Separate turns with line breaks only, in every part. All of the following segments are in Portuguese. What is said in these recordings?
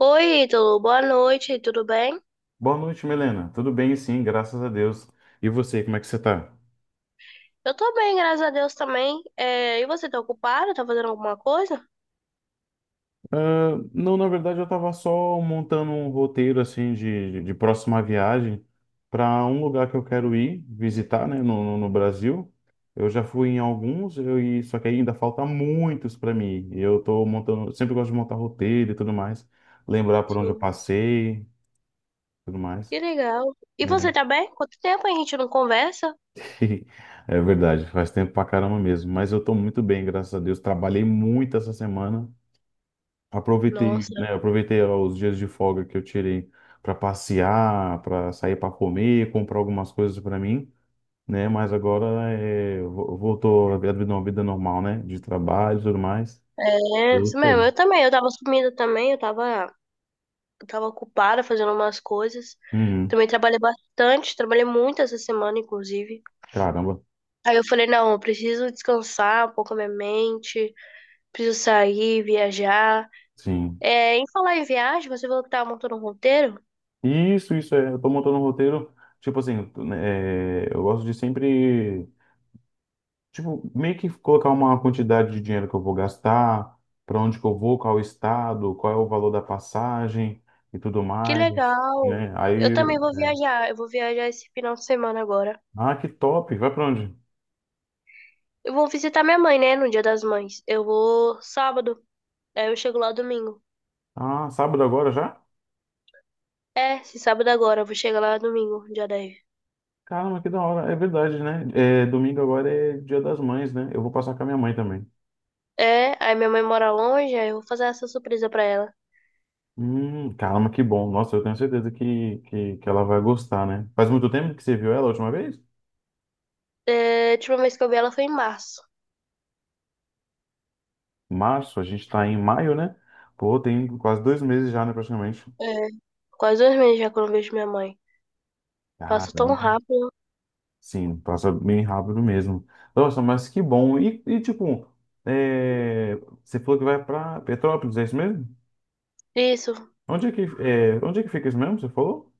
Oi, Ítalo, boa noite, tudo bem?
Boa noite, Milena. Tudo bem, sim, graças a Deus. E você, como é que você tá?
Eu tô bem, graças a Deus também. É, e você tá ocupado? Tá fazendo alguma coisa?
Não, na verdade, eu tava só montando um roteiro, assim, de próxima viagem para um lugar que eu quero ir visitar, né, no Brasil. Eu já fui em alguns, só que ainda falta muitos para mim. E eu tô montando, sempre gosto de montar roteiro e tudo mais, lembrar por onde eu
Sim.
passei, tudo mais.
Que legal. E
É,
você tá bem? Quanto tempo a gente não conversa?
é verdade, faz tempo pra caramba mesmo. Mas eu tô muito bem, graças a Deus. Trabalhei muito essa semana. Aproveitei,
Nossa,
né, aproveitei os dias de folga que eu tirei para passear, para sair para comer, comprar algumas coisas para mim, né? Mas agora voltou a vida, uma vida normal, né? De trabalho e tudo mais. É
é isso
isso
mesmo,
aí.
eu também. Eu tava sumida também, eu tava ocupada fazendo umas coisas.
Uhum.
Também trabalhei bastante, trabalhei muito essa semana, inclusive.
Caramba,
Aí eu falei, não, eu preciso descansar um pouco a minha mente, preciso sair, viajar.
sim.
É, em falar em viagem, você falou que tava montando um roteiro?
Isso é. Eu tô montando um roteiro, tipo assim, né, eu gosto de sempre. Tipo, meio que colocar uma quantidade de dinheiro que eu vou gastar, para onde que eu vou, qual estado, qual é o valor da passagem e tudo
Que
mais,
legal!
né?
Eu
Aí,
também vou
né?
viajar. Eu vou viajar esse final de semana agora.
Ah, que top! Vai para onde?
Eu vou visitar minha mãe, né? No Dia das Mães. Eu vou sábado. Aí eu chego lá domingo.
Ah, sábado agora já?
É, se sábado agora, eu vou chegar lá domingo, dia 10.
Caramba, que da hora! É verdade, né? É, domingo agora é Dia das Mães, né? Eu vou passar com a minha mãe também.
É, aí minha mãe mora longe, aí eu vou fazer essa surpresa pra ela.
Caramba, que bom! Nossa, eu tenho certeza que ela vai gostar, né? Faz muito tempo que você viu ela a última vez?
É, a última vez que eu vi ela foi em março.
Março, a gente tá em maio, né? Pô, tem quase 2 meses já, né, praticamente.
É, quase 2 meses já que eu não vejo minha mãe. Passa tão
Caramba.
rápido.
Sim, passa bem rápido mesmo. Nossa, mas que bom. Tipo, é, você falou que vai para Petrópolis, é isso mesmo?
Isso,
Onde é que fica isso mesmo? Você falou?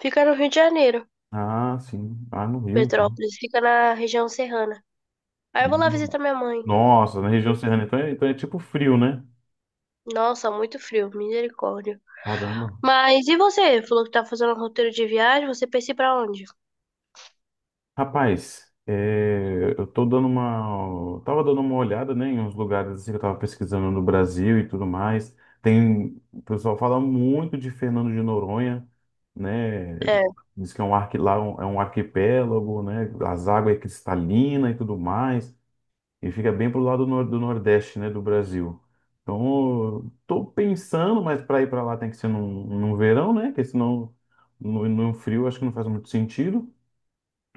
fica no Rio de Janeiro,
Ah, sim. Ah, no Rio, então.
Petrópolis, fica na região serrana. Aí eu vou lá visitar minha mãe.
Nossa, na região serrana, então é tipo frio, né?
Nossa, muito frio, misericórdia.
Caramba.
Mas e você? Falou que tá fazendo um roteiro de viagem, você pensa em ir pra onde?
Rapaz, eu tô tava dando uma olhada, né, em uns lugares assim que eu tava pesquisando no Brasil e tudo mais. Tem, o pessoal fala muito de Fernando de Noronha, né?
É,
Diz que é lá é um arquipélago, né? As águas é cristalina e tudo mais. E fica bem pro lado do Nordeste, né, do Brasil. Então, eu tô pensando, mas para ir para lá tem que ser num verão, né? Porque senão no frio acho que não faz muito sentido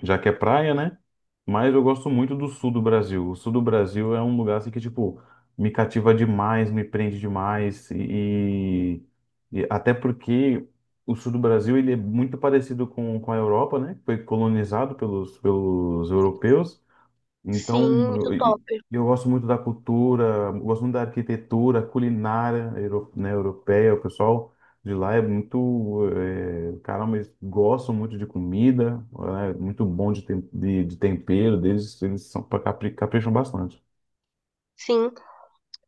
já que é praia, né? Mas eu gosto muito do sul do Brasil. O sul do Brasil é um lugar assim que, tipo, me cativa demais, me prende demais. E até porque o sul do Brasil ele é muito parecido com a Europa, né? Foi colonizado pelos europeus.
sim,
Então,
muito
eu,
top.
e- eu gosto muito da cultura, gosto muito da arquitetura, culinária, né, europeia. O pessoal de lá é muito, caramba, eles gostam muito de comida, é muito bom de tempero deles, eles são, capricham bastante.
Sim.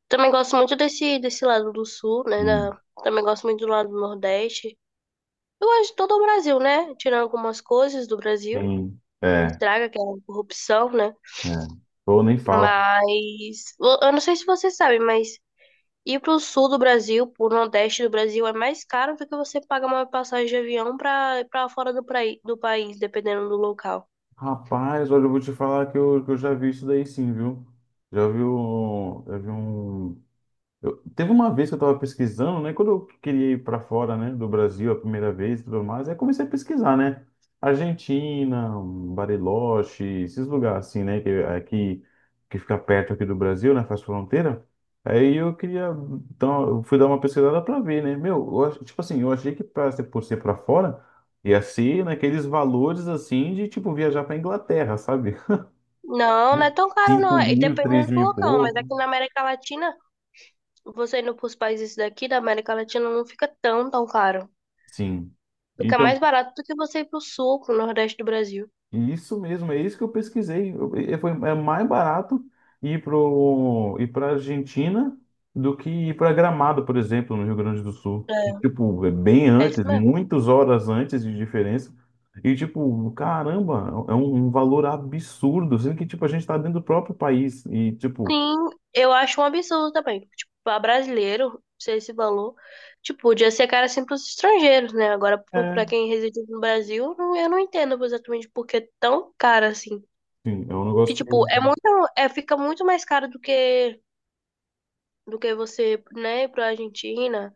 Também gosto muito desse lado do sul, né?
Hum.
Também gosto muito do lado do Nordeste. Eu gosto de todo o Brasil, né? Tirando algumas coisas do Brasil,
Tem,
que
é,
estraga, que é a corrupção, né?
é. Ou nem fala.
Mas eu não sei se você sabe, mas ir pro sul do Brasil, pro Nordeste do Brasil, é mais caro do que você pagar uma passagem de avião pra fora do país, dependendo do local.
Rapaz, olha, eu vou te falar que que eu já vi isso daí sim, viu? Já vi um Eu, teve uma vez que eu estava pesquisando, né? Quando eu queria ir para fora, né, do Brasil a primeira vez e tudo mais, aí comecei a pesquisar, né? Argentina, Bariloche, esses lugares assim, né? Que fica perto aqui do Brasil, né? Faz fronteira. Aí eu queria, então, eu fui dar uma pesquisada para ver, né? Meu, tipo assim, eu achei que por ser para fora, ia ser naqueles valores assim de, tipo, viajar para Inglaterra, sabe?
Não, não é tão caro
cinco
não. E
mil,
depende
três
do
mil e
local, mas
pouco.
aqui na América Latina, você indo pros países daqui da América Latina não fica tão, tão caro.
Sim.
Fica
Então,
mais barato do que você ir pro sul, pro nordeste do Brasil.
e isso mesmo, é isso que eu pesquisei. É mais barato ir para Argentina do que ir para Gramado, por exemplo, no Rio Grande do Sul. Que, tipo, é bem
É, é
antes,
isso mesmo.
muitas horas antes de diferença. E, tipo, caramba, é um valor absurdo, sendo que, tipo, a gente tá dentro do próprio país. E, tipo,
Sim, eu acho um absurdo também. Tipo, pra brasileiro, ser esse valor, tipo, podia ser caro assim pros estrangeiros, né? Agora,
é,
pra quem reside no Brasil, eu não entendo exatamente por que é tão caro assim.
sim, é um
Que,
negócio que
tipo, é muito, é, fica muito mais caro do que você, né, ir pra Argentina.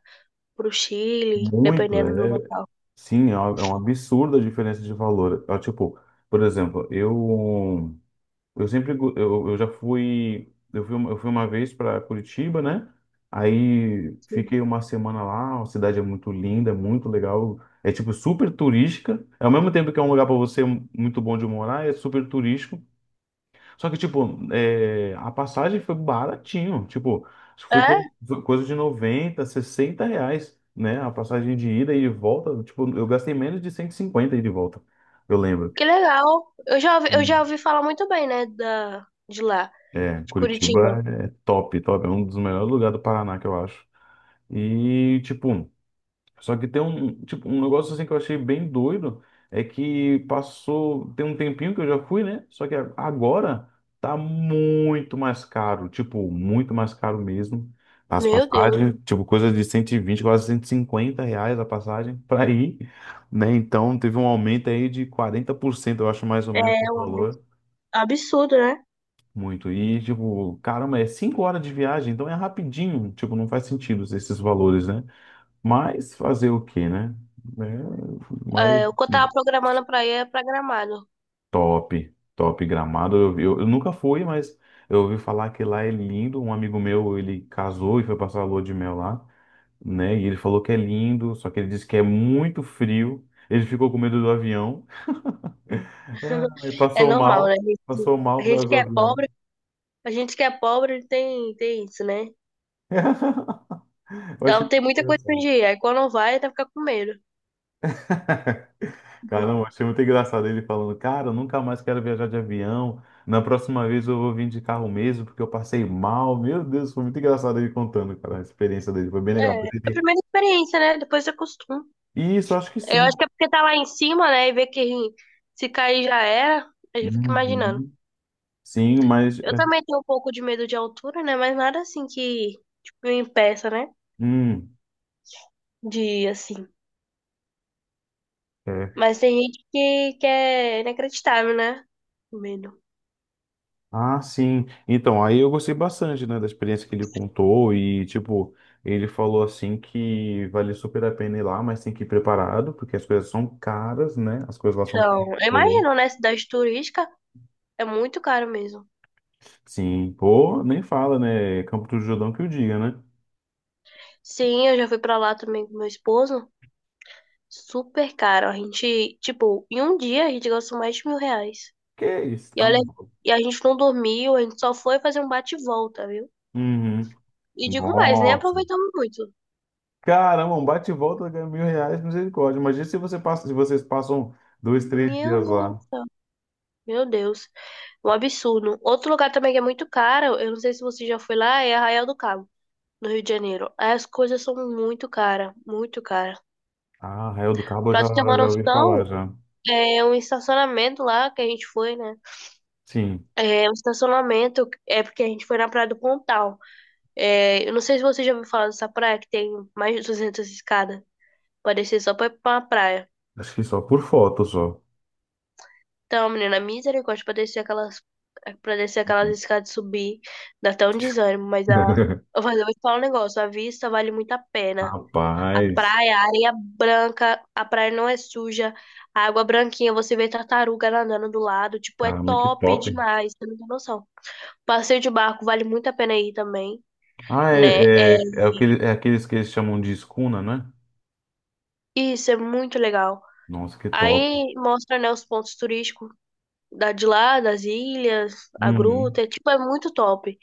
Pro Chile,
muito,
dependendo do local.
sim, é um absurdo a diferença de valor. É, tipo, por exemplo, eu. Eu já fui, eu fui uma vez para Curitiba, né? Aí
Sim.
fiquei uma semana lá, a cidade é muito linda, é muito legal, é tipo super turística. Ao mesmo tempo que é um lugar para você muito bom de morar, é super turístico. Só que tipo, a passagem foi baratinho, tipo, acho que
É?
foi coisa de 90, 60 reais, né? A passagem de ida e de volta, tipo, eu gastei menos de 150 ida e de volta, eu lembro.
Que legal. Eu já ouvi falar muito bem, né, de lá,
É,
de Curitiba.
Curitiba é top, top. É um dos melhores lugares do Paraná, que eu acho. E, tipo, só que tem um, tipo, um negócio assim que eu achei bem doido, é que passou, tem um tempinho que eu já fui, né? Só que agora tá muito mais caro, tipo, muito mais caro mesmo. As
Meu Deus,
passagens, tipo, coisa de 120 quase 150 reais a passagem pra ir, né? Então teve um aumento aí de 40% eu acho mais ou menos o
é um
valor.
absurdo, né?
Muito. E, tipo, caramba, é 5 horas de viagem, então é rapidinho. Tipo, não faz sentido esses valores, né? Mas fazer o quê, né? É, mas
É, o que eu tava programando pra ir é pra Gramado.
top, top Gramado. Eu nunca fui, mas eu ouvi falar que lá é lindo. Um amigo meu, ele casou e foi passar a lua de mel lá, né? E ele falou que é lindo, só que ele disse que é muito frio. Ele ficou com medo do avião. Aí
É normal, né?
passou
A
mal por
gente
causa
que
do
é
avião.
pobre, a gente que é pobre tem, tem isso, né?
Eu achei
Então tem
muito
muita coisa pra
engraçado.
onde ir. Aí quando vai, até fica com medo.
Caramba, achei muito engraçado ele falando, cara, eu nunca mais quero viajar de avião. Na próxima vez eu vou vir de carro mesmo, porque eu passei mal. Meu Deus, foi muito engraçado ele contando, cara, a experiência dele. Foi bem legal.
É, é a primeira experiência, né? Depois você acostuma.
Isso, acho que
Eu acho
sim.
que é porque tá lá em cima, né? E vê que se cair já era, a gente fica imaginando.
Uhum. Sim, mas.
Eu também tenho um pouco de medo de altura, né? Mas nada assim que, tipo, me impeça, né?
Hum,
De, assim.
é.
Mas tem gente que é inacreditável, né? O medo.
Ah, sim. Então, aí eu gostei bastante, né, da experiência que ele contou. E, tipo, ele falou assim que vale super a pena ir lá, mas tem que ir preparado, porque as coisas são caras, né? As coisas lá são caras, ele
Então, eu
falou.
imagino, né? Cidade turística é muito caro mesmo.
Sim, pô, nem fala, né? Campo do Jordão que o diga, né?
Sim, eu já fui pra lá também com meu esposo. Super caro. A gente, tipo, em um dia a gente gastou mais de R$ 1.000.
Que isso,
E
tá
olha,
maluco.
e a gente não dormiu, a gente só foi fazer um bate e volta, viu?
Uhum.
E digo mais, nem
Nossa.
aproveitamos muito.
Caramba, um bate e volta ganha 1.000 reais, misericórdia. Imagina se você passa, se vocês passam dois, três
Meu
dias lá.
Deus. Meu Deus. Um absurdo. Outro lugar também que é muito caro, eu não sei se você já foi lá, é Arraial do Cabo, no Rio de Janeiro. As coisas são muito caras, muito caras.
Ah, Arraial do Cabo eu
Pra
já,
tu ter uma
já ouvi
noção,
falar, já.
é um estacionamento lá que a gente foi, né?
Sim,
É um estacionamento, é porque a gente foi na Praia do Pontal. É, eu não sei se você já ouviu falar dessa praia que tem mais de 200 escadas. Parecia só pra uma praia.
acho que só por foto, só.
Então, menina, misericórdia pra descer aquelas, escadas e subir, dá até um desânimo, mas a, eu vou eu vou te falar um negócio, a vista vale muito a pena. A
Rapaz,
praia, a areia branca, a praia não é suja, a água branquinha, você vê tartaruga nadando do lado, tipo, é
caramba, que
top
top.
demais, você não tem noção. Passeio de barco vale muito a pena ir também,
Ah,
né? É,
é aqueles que eles chamam de escuna, né?
isso é muito legal.
Nossa, que top.
Aí mostra, né, os pontos turísticos de lá, das ilhas, a
Uhum.
gruta, é, tipo, é muito top.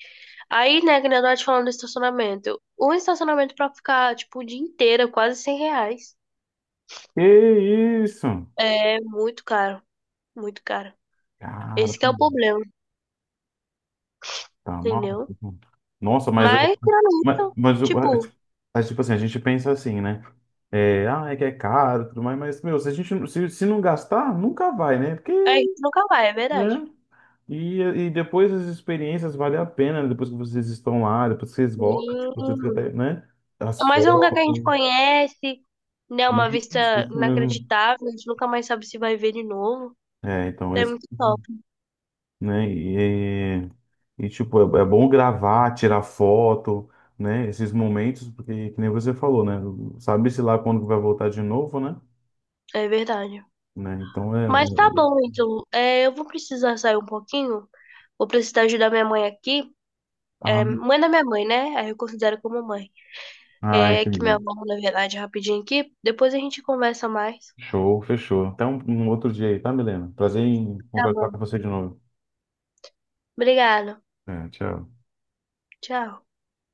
Aí, né, que nem eu tava te falando do estacionamento. Um estacionamento pra ficar, tipo, o dia inteiro, é quase R$ 100.
Que isso?
É muito caro, muito caro.
Cara,
Esse que é o problema,
tá
entendeu?
maluco. Nossa, mas, eu-
Mas, tirando
mas,
isso,
mas, eu-
tipo,
mas, tipo assim, a gente pensa assim, né? É, ah, é que é caro e tudo mais, mas, meu, se se não gastar, nunca vai, né? Porque,
a gente nunca vai, é verdade.
né? E, e depois as experiências valem a pena, né? Depois que vocês estão lá, depois que vocês voltam, tipo, vocês fica
Hum,
até, né? As
mas é um lugar que a gente
fotos,
conhece, né, uma vista
isso mesmo.
inacreditável, a gente nunca mais sabe se vai ver de novo.
É, então,
É
esse,
muito top,
né? Tipo, é bom gravar, tirar foto, né? Esses momentos, porque, que nem você falou, né? Sabe-se lá quando vai voltar de novo, né?
é verdade.
Né?
Mas tá
É-
bom, então, é, eu vou precisar sair um pouquinho, vou precisar ajudar minha mãe aqui.
Ah,
É, mãe da minha mãe, né? Aí eu considero como mãe.
ah,
É que minha
entendi.
avó, na verdade, rapidinho aqui. Depois a gente conversa mais.
Show, fechou. Até um outro dia aí, tá, Milena? Prazer em
Tá
conversar com
bom.
você de novo.
Obrigada.
É, tchau.
Tchau.